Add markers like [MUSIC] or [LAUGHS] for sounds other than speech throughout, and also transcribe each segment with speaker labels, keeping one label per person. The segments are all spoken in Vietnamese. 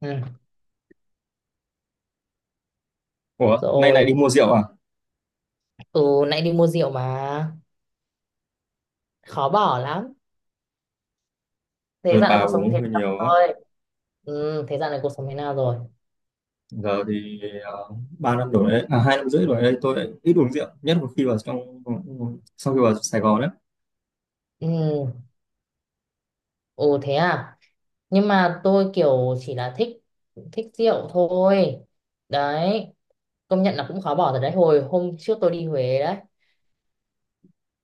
Speaker 1: Ừ.
Speaker 2: Ủa, nay này
Speaker 1: Rồi,
Speaker 2: đi mua rượu à?
Speaker 1: ừ, nãy đi mua rượu mà khó bỏ lắm. Thế
Speaker 2: Tôi
Speaker 1: dạo
Speaker 2: bà
Speaker 1: này cuộc sống
Speaker 2: uống
Speaker 1: thế
Speaker 2: hơi
Speaker 1: nào
Speaker 2: nhiều á.
Speaker 1: rồi? Ừ, thế dạo này cuộc sống thế nào rồi?
Speaker 2: Giờ thì 3 năm đổ đấy, à 2 năm rưỡi rồi đấy tôi lại ít uống rượu, nhất là khi vào trong sau khi vào Sài Gòn đấy.
Speaker 1: Ừ, ừ thế à? Nhưng mà tôi kiểu chỉ là thích thích rượu thôi. Đấy, công nhận là cũng khó bỏ rồi đấy. Hồi hôm trước tôi đi Huế đấy,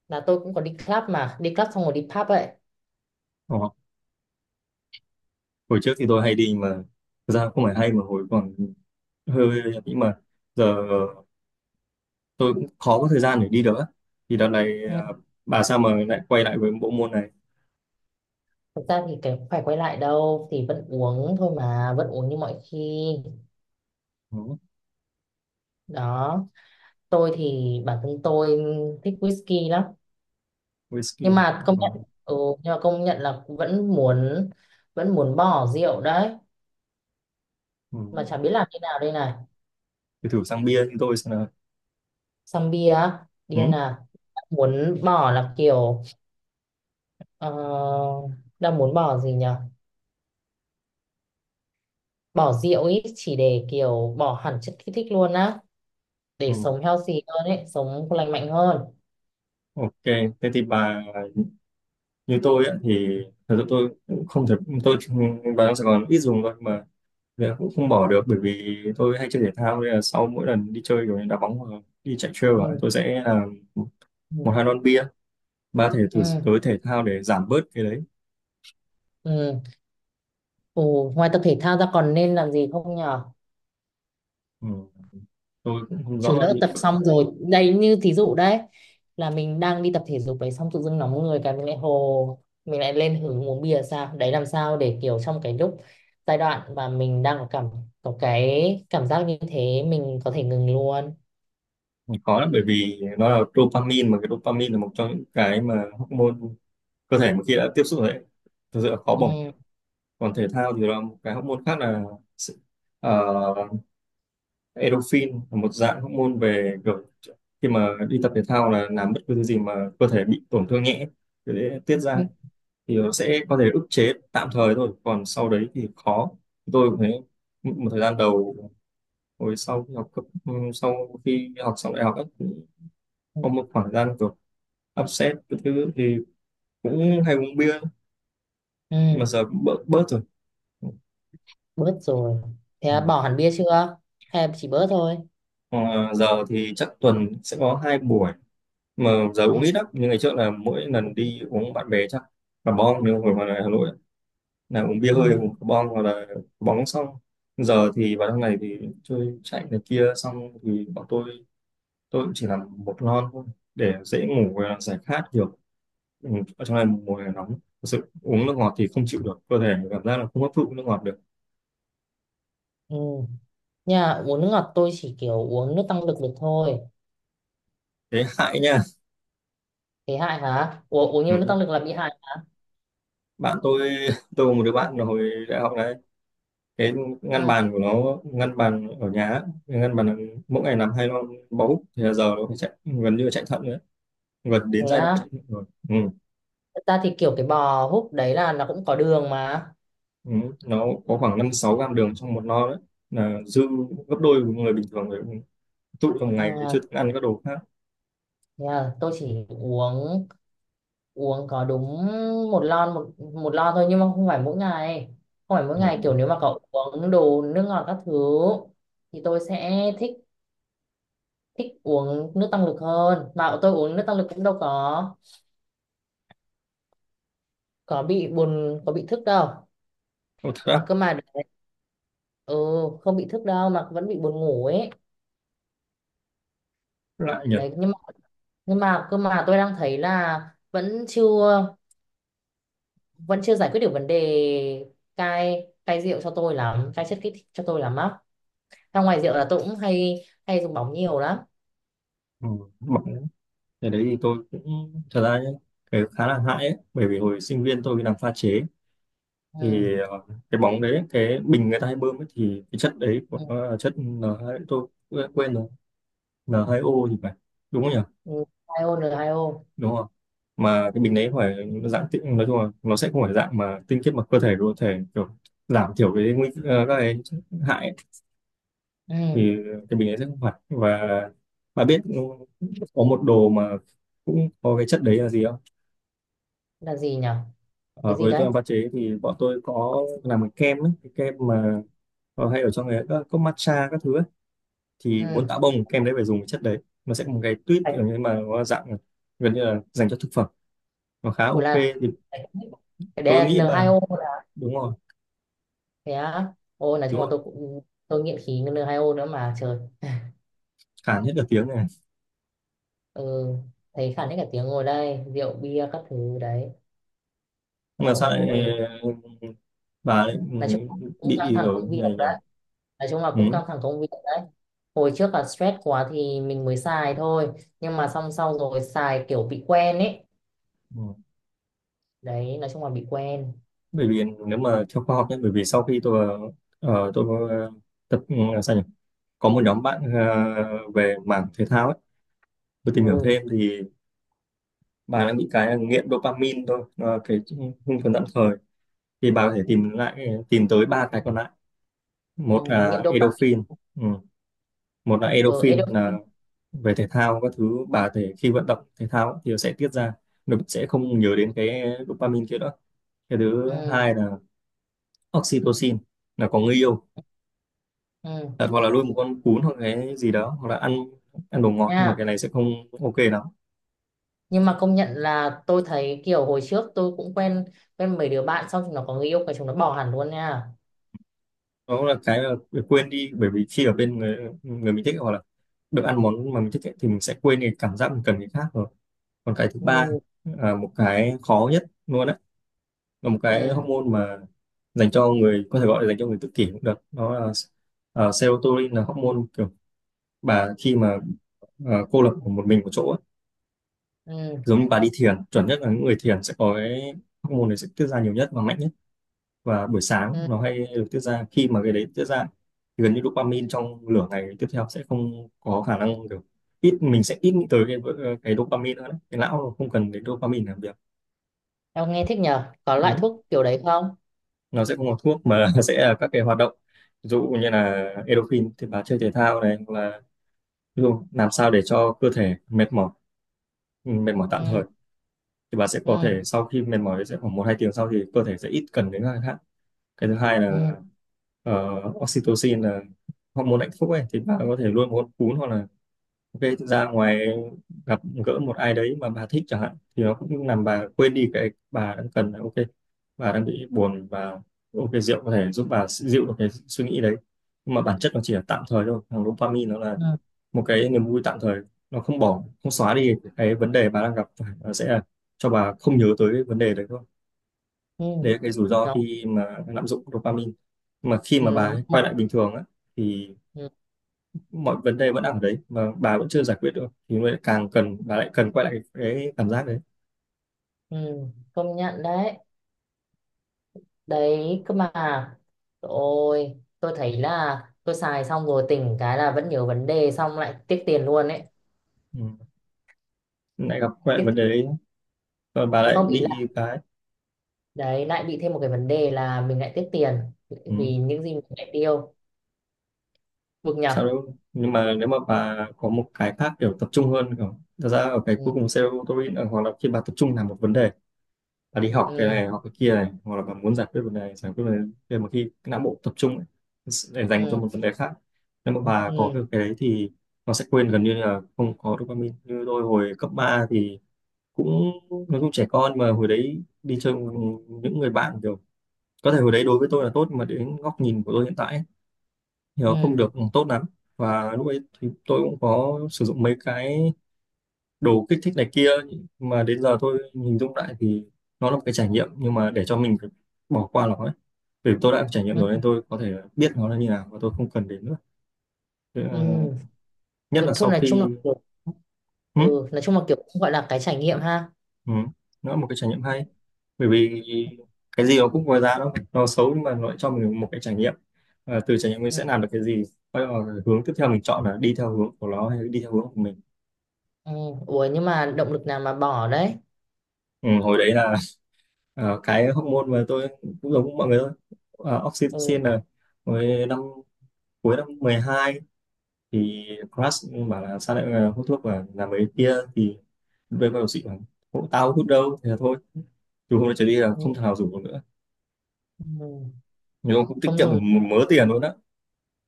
Speaker 1: là tôi cũng có đi club mà, đi club xong rồi đi pub ấy.
Speaker 2: Ồ, hồi trước thì tôi hay đi mà thực ra không phải hay mà hồi còn hơi hơi nhưng mà giờ tôi cũng khó có thời gian để đi được á. Thì đợt này
Speaker 1: Ừ.
Speaker 2: à, bà sao mà lại quay lại với bộ môn này?
Speaker 1: Thực ra thì cái phải quay lại đâu thì vẫn uống thôi mà, vẫn uống như mọi khi.
Speaker 2: Ừ,
Speaker 1: Đó. Tôi thì bản thân tôi thích whisky lắm nhưng
Speaker 2: whisky.
Speaker 1: mà
Speaker 2: Ờ,
Speaker 1: công nhận,
Speaker 2: ừ.
Speaker 1: ừ, nhưng mà công nhận là vẫn muốn bỏ rượu đấy
Speaker 2: Ừ.
Speaker 1: mà chả biết làm thế nào đây này.
Speaker 2: Thì thử sang bia như tôi xem nào.
Speaker 1: Sang bia á,
Speaker 2: Ừ,
Speaker 1: điên à? Đang muốn bỏ là kiểu, ờ, đang muốn bỏ gì nhở, bỏ rượu ý chỉ để kiểu bỏ hẳn chất kích thích luôn á, để
Speaker 2: ừ.
Speaker 1: sống healthy hơn ấy, sống lành mạnh hơn.
Speaker 2: Ok, thế thì bà như tôi ấy thì thật sự tôi cũng không thể tôi vào trong Sài Gòn ít dùng thôi mà giờ cũng không bỏ được bởi vì tôi hay chơi thể thao nên là sau mỗi lần đi chơi kiểu như đá bóng hoặc đi chạy trail ạ,
Speaker 1: Ừ,
Speaker 2: tôi sẽ là
Speaker 1: ừ,
Speaker 2: một hai lon bia ba thể thử
Speaker 1: ừ.
Speaker 2: tới thể thao để giảm bớt cái đấy.
Speaker 1: Ừ. Ừ, ngoài tập thể thao ra còn nên làm gì không nhở?
Speaker 2: Ừ, tôi cũng không
Speaker 1: Chứ
Speaker 2: rõ
Speaker 1: lỡ
Speaker 2: những
Speaker 1: tập xong rồi đây như thí dụ đấy, là mình đang đi tập thể dục đấy xong tự dưng nóng người cái mình lại hồ, mình lại lên hứng uống bia sao đấy, làm sao để kiểu trong cái lúc giai đoạn mà mình đang có cảm, có cái cảm giác như thế mình có thể ngừng luôn.
Speaker 2: khó lắm bởi vì nó là dopamine mà cái dopamine là một trong những cái mà hormone cơ thể một khi đã tiếp xúc rồi đấy thật sự là khó bỏ.
Speaker 1: Ừ.
Speaker 2: Còn thể thao thì là một cái hormone khác là ờ, endorphin, là một dạng hormone về kiểu khi mà đi tập thể thao là làm bất cứ thứ gì mà cơ thể bị tổn thương nhẹ thì sẽ tiết ra,
Speaker 1: Ừ.
Speaker 2: thì nó sẽ có thể ức chế tạm thời thôi còn sau đấy thì khó. Tôi cũng thấy một thời gian đầu hồi sau khi học sau khi học xong đại học ấy, cũng
Speaker 1: Ừ.
Speaker 2: có một khoảng thời gian kiểu upset cái thứ thì cũng hay uống bia nhưng
Speaker 1: Ừ.
Speaker 2: mà giờ cũng bớt bớt rồi.
Speaker 1: Bớt rồi, thế
Speaker 2: Ừ.
Speaker 1: là bỏ hẳn bia chưa hay là chỉ bớt thôi?
Speaker 2: Ờ, Giờ thì chắc tuần sẽ có hai buổi mà giờ uống
Speaker 1: Ừ.
Speaker 2: ít lắm nhưng ngày trước là mỗi lần
Speaker 1: Uống ít.
Speaker 2: đi uống bạn bè chắc cà bong nhưng hồi mà ở Hà Nội ấy, là uống bia
Speaker 1: Ừ.
Speaker 2: hơi uống cà bong hoặc là bóng xong. Giờ thì vào trong này thì chơi chạy này kia xong thì bọn tôi cũng chỉ làm một lon thôi để dễ ngủ và giải khát được. Ừ, ở trong này mùa hè nóng thật sự uống nước ngọt thì không chịu được, cơ thể cảm giác là không hấp thụ nước ngọt được.
Speaker 1: Ừ. Nhà uống nước ngọt tôi chỉ kiểu uống nước tăng lực được thôi.
Speaker 2: Thế hại nha.
Speaker 1: Thế hại hả, uống uống nhiều nước
Speaker 2: Ừ.
Speaker 1: tăng lực là bị hại?
Speaker 2: Bạn tôi [LAUGHS] tôi có một đứa bạn là hồi đại học này, cái ngăn
Speaker 1: Ừ.
Speaker 2: bàn của nó, ngăn bàn ở nhà á, cái ngăn bàn là mỗi ngày làm hai lon bóng thì là giờ nó phải chạy gần như là chạy thận nữa, gần đến
Speaker 1: Thế
Speaker 2: giai đoạn chạy
Speaker 1: á?
Speaker 2: thận rồi. Ừ.
Speaker 1: Thật ra thì kiểu cái bò húc đấy là nó cũng có đường mà.
Speaker 2: Ừ. Nó có khoảng 5-6 gram đường trong một lon đấy, là dư gấp đôi của người bình thường rồi, tụ trong ngày thì chưa
Speaker 1: À,
Speaker 2: ăn các đồ khác.
Speaker 1: thế à, tôi chỉ uống uống có đúng một lon thôi nhưng mà không phải mỗi ngày, không phải mỗi
Speaker 2: À,
Speaker 1: ngày, kiểu nếu mà cậu uống đồ nước ngọt các thứ thì tôi sẽ thích, thích uống nước tăng lực hơn, mà tôi uống nước tăng lực cũng đâu có bị buồn, có bị thức đâu.
Speaker 2: ô, thật
Speaker 1: Mà
Speaker 2: á.
Speaker 1: cơ mà đấy, ừ, không bị thức đâu mà vẫn bị buồn ngủ ấy.
Speaker 2: Lại nhỉ.
Speaker 1: Đấy nhưng mà, nhưng mà cơ mà tôi đang thấy là vẫn chưa vẫn chưa giải quyết được vấn đề cai cai rượu cho tôi lắm, cai chất kích thích cho tôi lắm á. Ra ngoài rượu là tôi cũng hay hay dùng bóng nhiều lắm.
Speaker 2: Ừ. Bảo, thế đấy thì tôi cũng thật ra nhé, cái khá là hại ấy bởi vì hồi sinh viên tôi đi làm pha chế
Speaker 1: Ừ.
Speaker 2: thì cái bóng đấy cái bình người ta hay bơm ấy, thì cái chất đấy của
Speaker 1: Ừ.
Speaker 2: nó là chất N2 tôi quên quên rồi, N2O thì phải, đúng không nhỉ?
Speaker 1: Ừ. Hai ô rồi, hai ô.
Speaker 2: Đúng không? Mà cái bình đấy phải dạng tinh, nói chung là nó sẽ không phải dạng mà tinh khiết mà cơ thể có thể kiểu giảm thiểu cái các cái chất hại ấy.
Speaker 1: Ừ.
Speaker 2: Thì cái bình đấy sẽ không phải và bà biết có một đồ mà cũng có cái chất đấy là gì không?
Speaker 1: Là gì nhỉ?
Speaker 2: Ở
Speaker 1: Cái gì
Speaker 2: với
Speaker 1: đấy?
Speaker 2: tôi làm pha chế thì bọn tôi có làm cái kem ấy, cái kem mà hay ở trong cái các cốc matcha các thứ ấy, thì muốn
Speaker 1: Ừ.
Speaker 2: tạo bông kem đấy phải dùng cái chất đấy. Nó sẽ có một cái tuyết
Speaker 1: Phải-
Speaker 2: nhưng mà nó dạng gần như là dành cho thực phẩm, nó khá
Speaker 1: ủa
Speaker 2: ok
Speaker 1: là
Speaker 2: thì
Speaker 1: phải- cái
Speaker 2: tôi
Speaker 1: đấy là
Speaker 2: nghĩ
Speaker 1: n hai
Speaker 2: bà
Speaker 1: o là?
Speaker 2: đúng rồi,
Speaker 1: Thế á? Ôi nói
Speaker 2: đúng
Speaker 1: chung là
Speaker 2: rồi.
Speaker 1: tôi cũng, tôi nghiện khí N2O nữa mà trời.
Speaker 2: Cản hết cả tiếng này.
Speaker 1: Ừ. Thấy khản hết cả tiếng ngồi đây rượu bia các thứ đấy,
Speaker 2: Nhưng mà sao lại
Speaker 1: ôi
Speaker 2: ờ, bà lại
Speaker 1: nói chung là cũng căng
Speaker 2: bị
Speaker 1: thẳng
Speaker 2: ở
Speaker 1: công việc
Speaker 2: này nhỉ?
Speaker 1: đấy, nói chung là cũng
Speaker 2: Ừ.
Speaker 1: căng thẳng công việc. Hồi trước là stress quá thì mình mới xài thôi nhưng mà xong xong rồi xài kiểu bị quen ấy.
Speaker 2: Ừ.
Speaker 1: Đấy, nói chung là bị quen.
Speaker 2: Bởi vì nếu mà theo khoa học nhé, bởi vì sau khi tôi ờ, tôi ờ, tập sao nhỉ, có một nhóm bạn về mảng thể thao ấy tôi tìm
Speaker 1: Ừ,
Speaker 2: hiểu thêm thì bà đang bị cái là nghiện dopamine thôi. Ờ, cái hưng phấn tạm thời thì bà có thể tìm lại tìm tới ba cái còn lại.
Speaker 1: ừ.
Speaker 2: Một
Speaker 1: Nghiện
Speaker 2: là
Speaker 1: dopamine.
Speaker 2: endorphin. Ừ. Một là
Speaker 1: Ở, ừ,
Speaker 2: endorphin là
Speaker 1: endorphin.
Speaker 2: về thể thao các thứ, bà có thể khi vận động thể thao thì sẽ tiết ra, nó sẽ không nhớ đến cái dopamine kia nữa. Cái thứ
Speaker 1: Ừ.
Speaker 2: hai là oxytocin, là có người yêu.
Speaker 1: Ừ.
Speaker 2: Thật, hoặc là nuôi một con cún hoặc cái gì đó hoặc là ăn ăn đồ ngọt, nhưng mà cái
Speaker 1: Nha,
Speaker 2: này sẽ không ok lắm.
Speaker 1: nhưng mà công nhận là tôi thấy kiểu hồi trước tôi cũng quen, quen mấy đứa bạn xong chúng nó có người yêu cái chúng nó bỏ hẳn luôn nha.
Speaker 2: Đó là cái là quên đi, bởi vì khi ở bên người, người mình thích hoặc là được ăn món mà mình thích ấy, thì mình sẽ quên cái cảm giác mình cần cái khác rồi. Còn cái thứ ba
Speaker 1: Ừ.
Speaker 2: là một cái khó nhất luôn á, là một cái
Speaker 1: Ừ.
Speaker 2: hormone mà dành cho người có thể gọi là dành cho người tự kỷ cũng được, đó là serotonin, là hormone kiểu bà khi mà cô lập một mình một chỗ á,
Speaker 1: Ừ.
Speaker 2: giống như bà đi thiền, chuẩn nhất là những người thiền sẽ có cái hormone này sẽ tiết ra nhiều nhất và mạnh nhất. Và buổi sáng
Speaker 1: Ừ.
Speaker 2: nó hay được tiết ra, khi mà cái đấy tiết ra thì gần như dopamine trong nửa ngày tiếp theo sẽ không có khả năng kiểu, ít mình sẽ ít nghĩ tới cái dopamine nữa đấy. Cái não không cần đến dopamine làm việc.
Speaker 1: Em nghe thích nhở, có loại
Speaker 2: Ừ.
Speaker 1: thuốc kiểu đấy không?
Speaker 2: Nó sẽ không có thuốc mà [LAUGHS] sẽ là các cái hoạt động, ví dụ như là endorphin thì bà chơi thể thao này hoặc là ví dụ làm sao để cho cơ thể mệt mỏi, ừ, mệt mỏi tạm thời
Speaker 1: Ừ.
Speaker 2: thì bà sẽ
Speaker 1: Ừ.
Speaker 2: có thể sau khi mệt mỏi sẽ khoảng một hai tiếng sau thì cơ thể sẽ ít cần đến các cái khác. Cái thứ hai
Speaker 1: Ừ.
Speaker 2: là ờ, oxytocin là hormone hạnh phúc ấy, thì bà có thể luôn muốn cún hoặc là ok, thực ra ngoài gặp gỡ một ai đấy mà bà thích chẳng hạn thì nó cũng làm bà quên đi cái bà đang cần. Là ok bà đang bị buồn và ok rượu có thể giúp bà dịu được cái suy nghĩ đấy, nhưng mà bản chất nó chỉ là tạm thời thôi, thằng dopamine nó là
Speaker 1: Ừ.
Speaker 2: một cái niềm vui tạm thời, nó không bỏ không xóa đi cái vấn đề bà đang gặp phải, nó sẽ là cho bà không nhớ tới cái vấn đề đấy thôi.
Speaker 1: Ừ.
Speaker 2: Đấy là cái rủi ro
Speaker 1: Đó.
Speaker 2: khi mà lạm dụng dopamine. Mà khi mà
Speaker 1: Ừ.
Speaker 2: bà
Speaker 1: Mà...
Speaker 2: quay lại bình thường á thì
Speaker 1: Ừ.
Speaker 2: mọi vấn đề vẫn ở đấy mà bà vẫn chưa giải quyết được thì mới càng cần, bà lại cần quay lại cái cảm giác đấy.
Speaker 1: Ừ. Công nhận đấy, đấy cơ mà ôi tôi thấy là tôi xài xong rồi tỉnh cái là vẫn nhớ vấn đề xong lại tiếc tiền luôn ấy.
Speaker 2: Ừ. Lại gặp quay lại
Speaker 1: Tiếc,
Speaker 2: vấn đề đấy và bà lại
Speaker 1: không ý là
Speaker 2: bị cái.
Speaker 1: đấy lại bị thêm một cái vấn đề là mình lại tiếc tiền
Speaker 2: Ừ.
Speaker 1: vì những gì mình lại tiêu. Bực
Speaker 2: Sao
Speaker 1: nhở.
Speaker 2: đâu, nhưng mà nếu mà bà có một cái khác kiểu tập trung hơn, kiểu thật ra ở cái cuối
Speaker 1: Ừ.
Speaker 2: cùng serotonin là- hoặc là khi bà tập trung làm một vấn đề, bà đi học cái
Speaker 1: Ừ.
Speaker 2: này học cái kia này hoặc là bà muốn giải quyết vấn đề này giải quyết vấn đề, để mà khi cái não bộ tập trung ấy, để dành cho
Speaker 1: Ừ.
Speaker 2: một vấn đề khác, nếu mà bà có
Speaker 1: Ừ.
Speaker 2: được cái đấy thì nó sẽ quên gần như là không có dopamine. Như tôi hồi cấp 3 thì cũng, nó cũng trẻ con mà, hồi đấy đi chơi cùng những người bạn kiểu có thể hồi đấy đối với tôi là tốt mà đến góc nhìn của tôi hiện tại ấy, thì nó
Speaker 1: Ừ.
Speaker 2: không được tốt lắm. Và lúc ấy thì tôi cũng có sử dụng mấy cái đồ kích thích này kia mà đến giờ tôi hình dung lại thì nó là một cái trải nghiệm, nhưng mà để cho mình phải bỏ qua nó ấy, vì tôi đã trải nghiệm rồi nên
Speaker 1: Ừ,
Speaker 2: tôi có thể biết nó là như nào và tôi không cần đến nữa. Thế
Speaker 1: ừ.
Speaker 2: là- nhất
Speaker 1: Ừ,
Speaker 2: là
Speaker 1: thôi
Speaker 2: sau
Speaker 1: nói chung là
Speaker 2: khi,
Speaker 1: kiểu,
Speaker 2: ừ,
Speaker 1: ừ nói chung là kiểu cũng gọi là cái trải nghiệm ha.
Speaker 2: ừ, nó là một cái trải nghiệm
Speaker 1: Ừ,
Speaker 2: hay, bởi vì cái gì nó cũng có giá, đâu nó xấu, nhưng mà nó lại cho mình một cái trải nghiệm. Và từ trải nghiệm mình
Speaker 1: ừ.
Speaker 2: sẽ làm được cái gì. Bắt đầu là hướng tiếp theo mình chọn là đi theo hướng của nó hay đi theo hướng của mình.
Speaker 1: Ừ. Ủa nhưng mà động lực nào mà bỏ đấy?
Speaker 2: Ừ, hồi đấy là cái hormone mà tôi cũng giống mọi người thôi. Ờ,
Speaker 1: Ừ,
Speaker 2: oxytocin là hồi năm cuối 12 thì crush bảo là sao lại hút thuốc và làm mấy kia thì với bác sĩ bảo, "Ủa, tao hút đâu thế là thôi từ hôm nay trở đi là
Speaker 1: ừ,
Speaker 2: không thằng nào rủ nữa."
Speaker 1: ừ.
Speaker 2: Nhưng mà cũng tiết
Speaker 1: Không
Speaker 2: kiệm được
Speaker 1: dùng,
Speaker 2: một mớ tiền luôn á.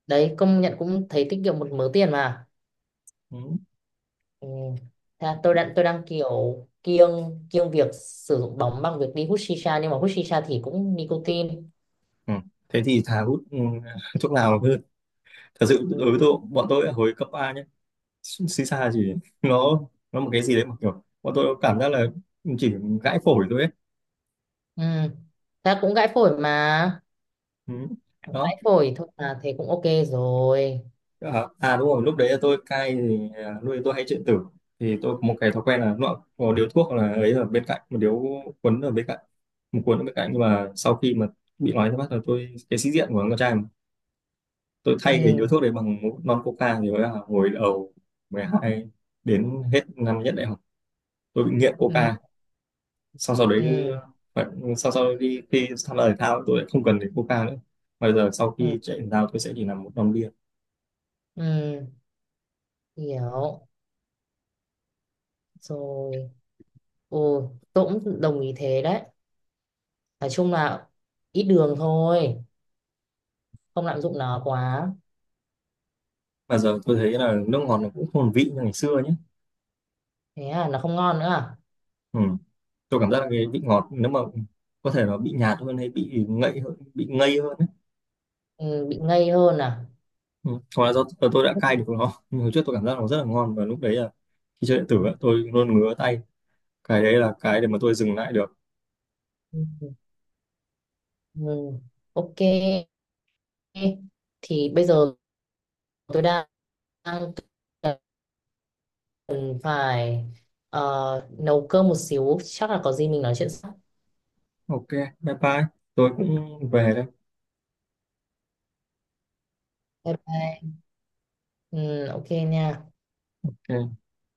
Speaker 1: đấy công nhận cũng thấy tiết kiệm một mớ tiền mà.
Speaker 2: Ừ.
Speaker 1: Ừ. Thế là tôi đang kiểu kiêng kiêng việc sử dụng bóng bằng việc đi hút shisha nhưng mà hút shisha thì cũng nicotine.
Speaker 2: Ừ. Thế thì thà hút [LAUGHS] thuốc lào hơn. Thật sự
Speaker 1: Ừ.
Speaker 2: đối với tôi, bọn tôi ở hồi cấp 3 nhé, xì xa chỉ nó nó một cái gì đấy mà kiểu bọn tôi cảm giác là chỉ gãi phổi thôi ấy.
Speaker 1: Ừ. Thế là cũng gãi phổi mà,
Speaker 2: Ừ. Đó.
Speaker 1: gãi phổi thôi mà thế cũng ok rồi.
Speaker 2: À, à đúng rồi, lúc đấy là tôi cai thì à, nuôi tôi hay chuyện tử thì tôi có một cái thói quen là nó có điếu thuốc là ấy ở bên cạnh một điếu quấn ở bên cạnh một cuốn ở bên cạnh nhưng mà sau khi mà bị nói ra mắt là tôi cái sĩ diện của con trai tôi thay cái
Speaker 1: Ừ.
Speaker 2: điếu thuốc đấy bằng một lon coca thì là hồi đầu 12 đến hết năm nhất đại học tôi bị nghiện
Speaker 1: Ừ.
Speaker 2: coca. Sau sau đấy
Speaker 1: Ừ.
Speaker 2: phải, sau sau đi khi tham gia thể thao tôi lại không cần đến coca nữa. Bây giờ sau
Speaker 1: Ừ.
Speaker 2: khi chạy thể thao tôi sẽ chỉ làm một lon bia.
Speaker 1: Ừ. Hiểu rồi. Ừ. Tôi cũng đồng ý thế đấy, nói chung là ít đường thôi, không lạm dụng nó quá.
Speaker 2: Mà giờ tôi thấy là nước ngọt nó cũng không còn vị như ngày xưa nhé.
Speaker 1: Thế à, nó không ngon nữa à?
Speaker 2: Ừ. Tôi cảm giác là cái vị ngọt nếu mà có thể nó bị nhạt hơn hay bị ngậy hơn bị ngây hơn ấy.
Speaker 1: Ừ. Bị ngây hơn à?
Speaker 2: Ừ. Hoặc là do tôi đã cai được nó, nhưng hồi trước tôi cảm giác nó rất là ngon và lúc đấy là khi chơi điện
Speaker 1: Ừ.
Speaker 2: tử á, tôi luôn ngứa tay, cái đấy là cái để mà tôi dừng lại được.
Speaker 1: Ừ. Ừ, ừ. Ok, thì bây giờ tôi đang cần phải, nấu cơm một xíu, chắc là có gì mình nói chuyện sau.
Speaker 2: Ok, bye bye, tôi cũng về đây.
Speaker 1: Bye bye. Ừ, ok nha.
Speaker 2: Ok.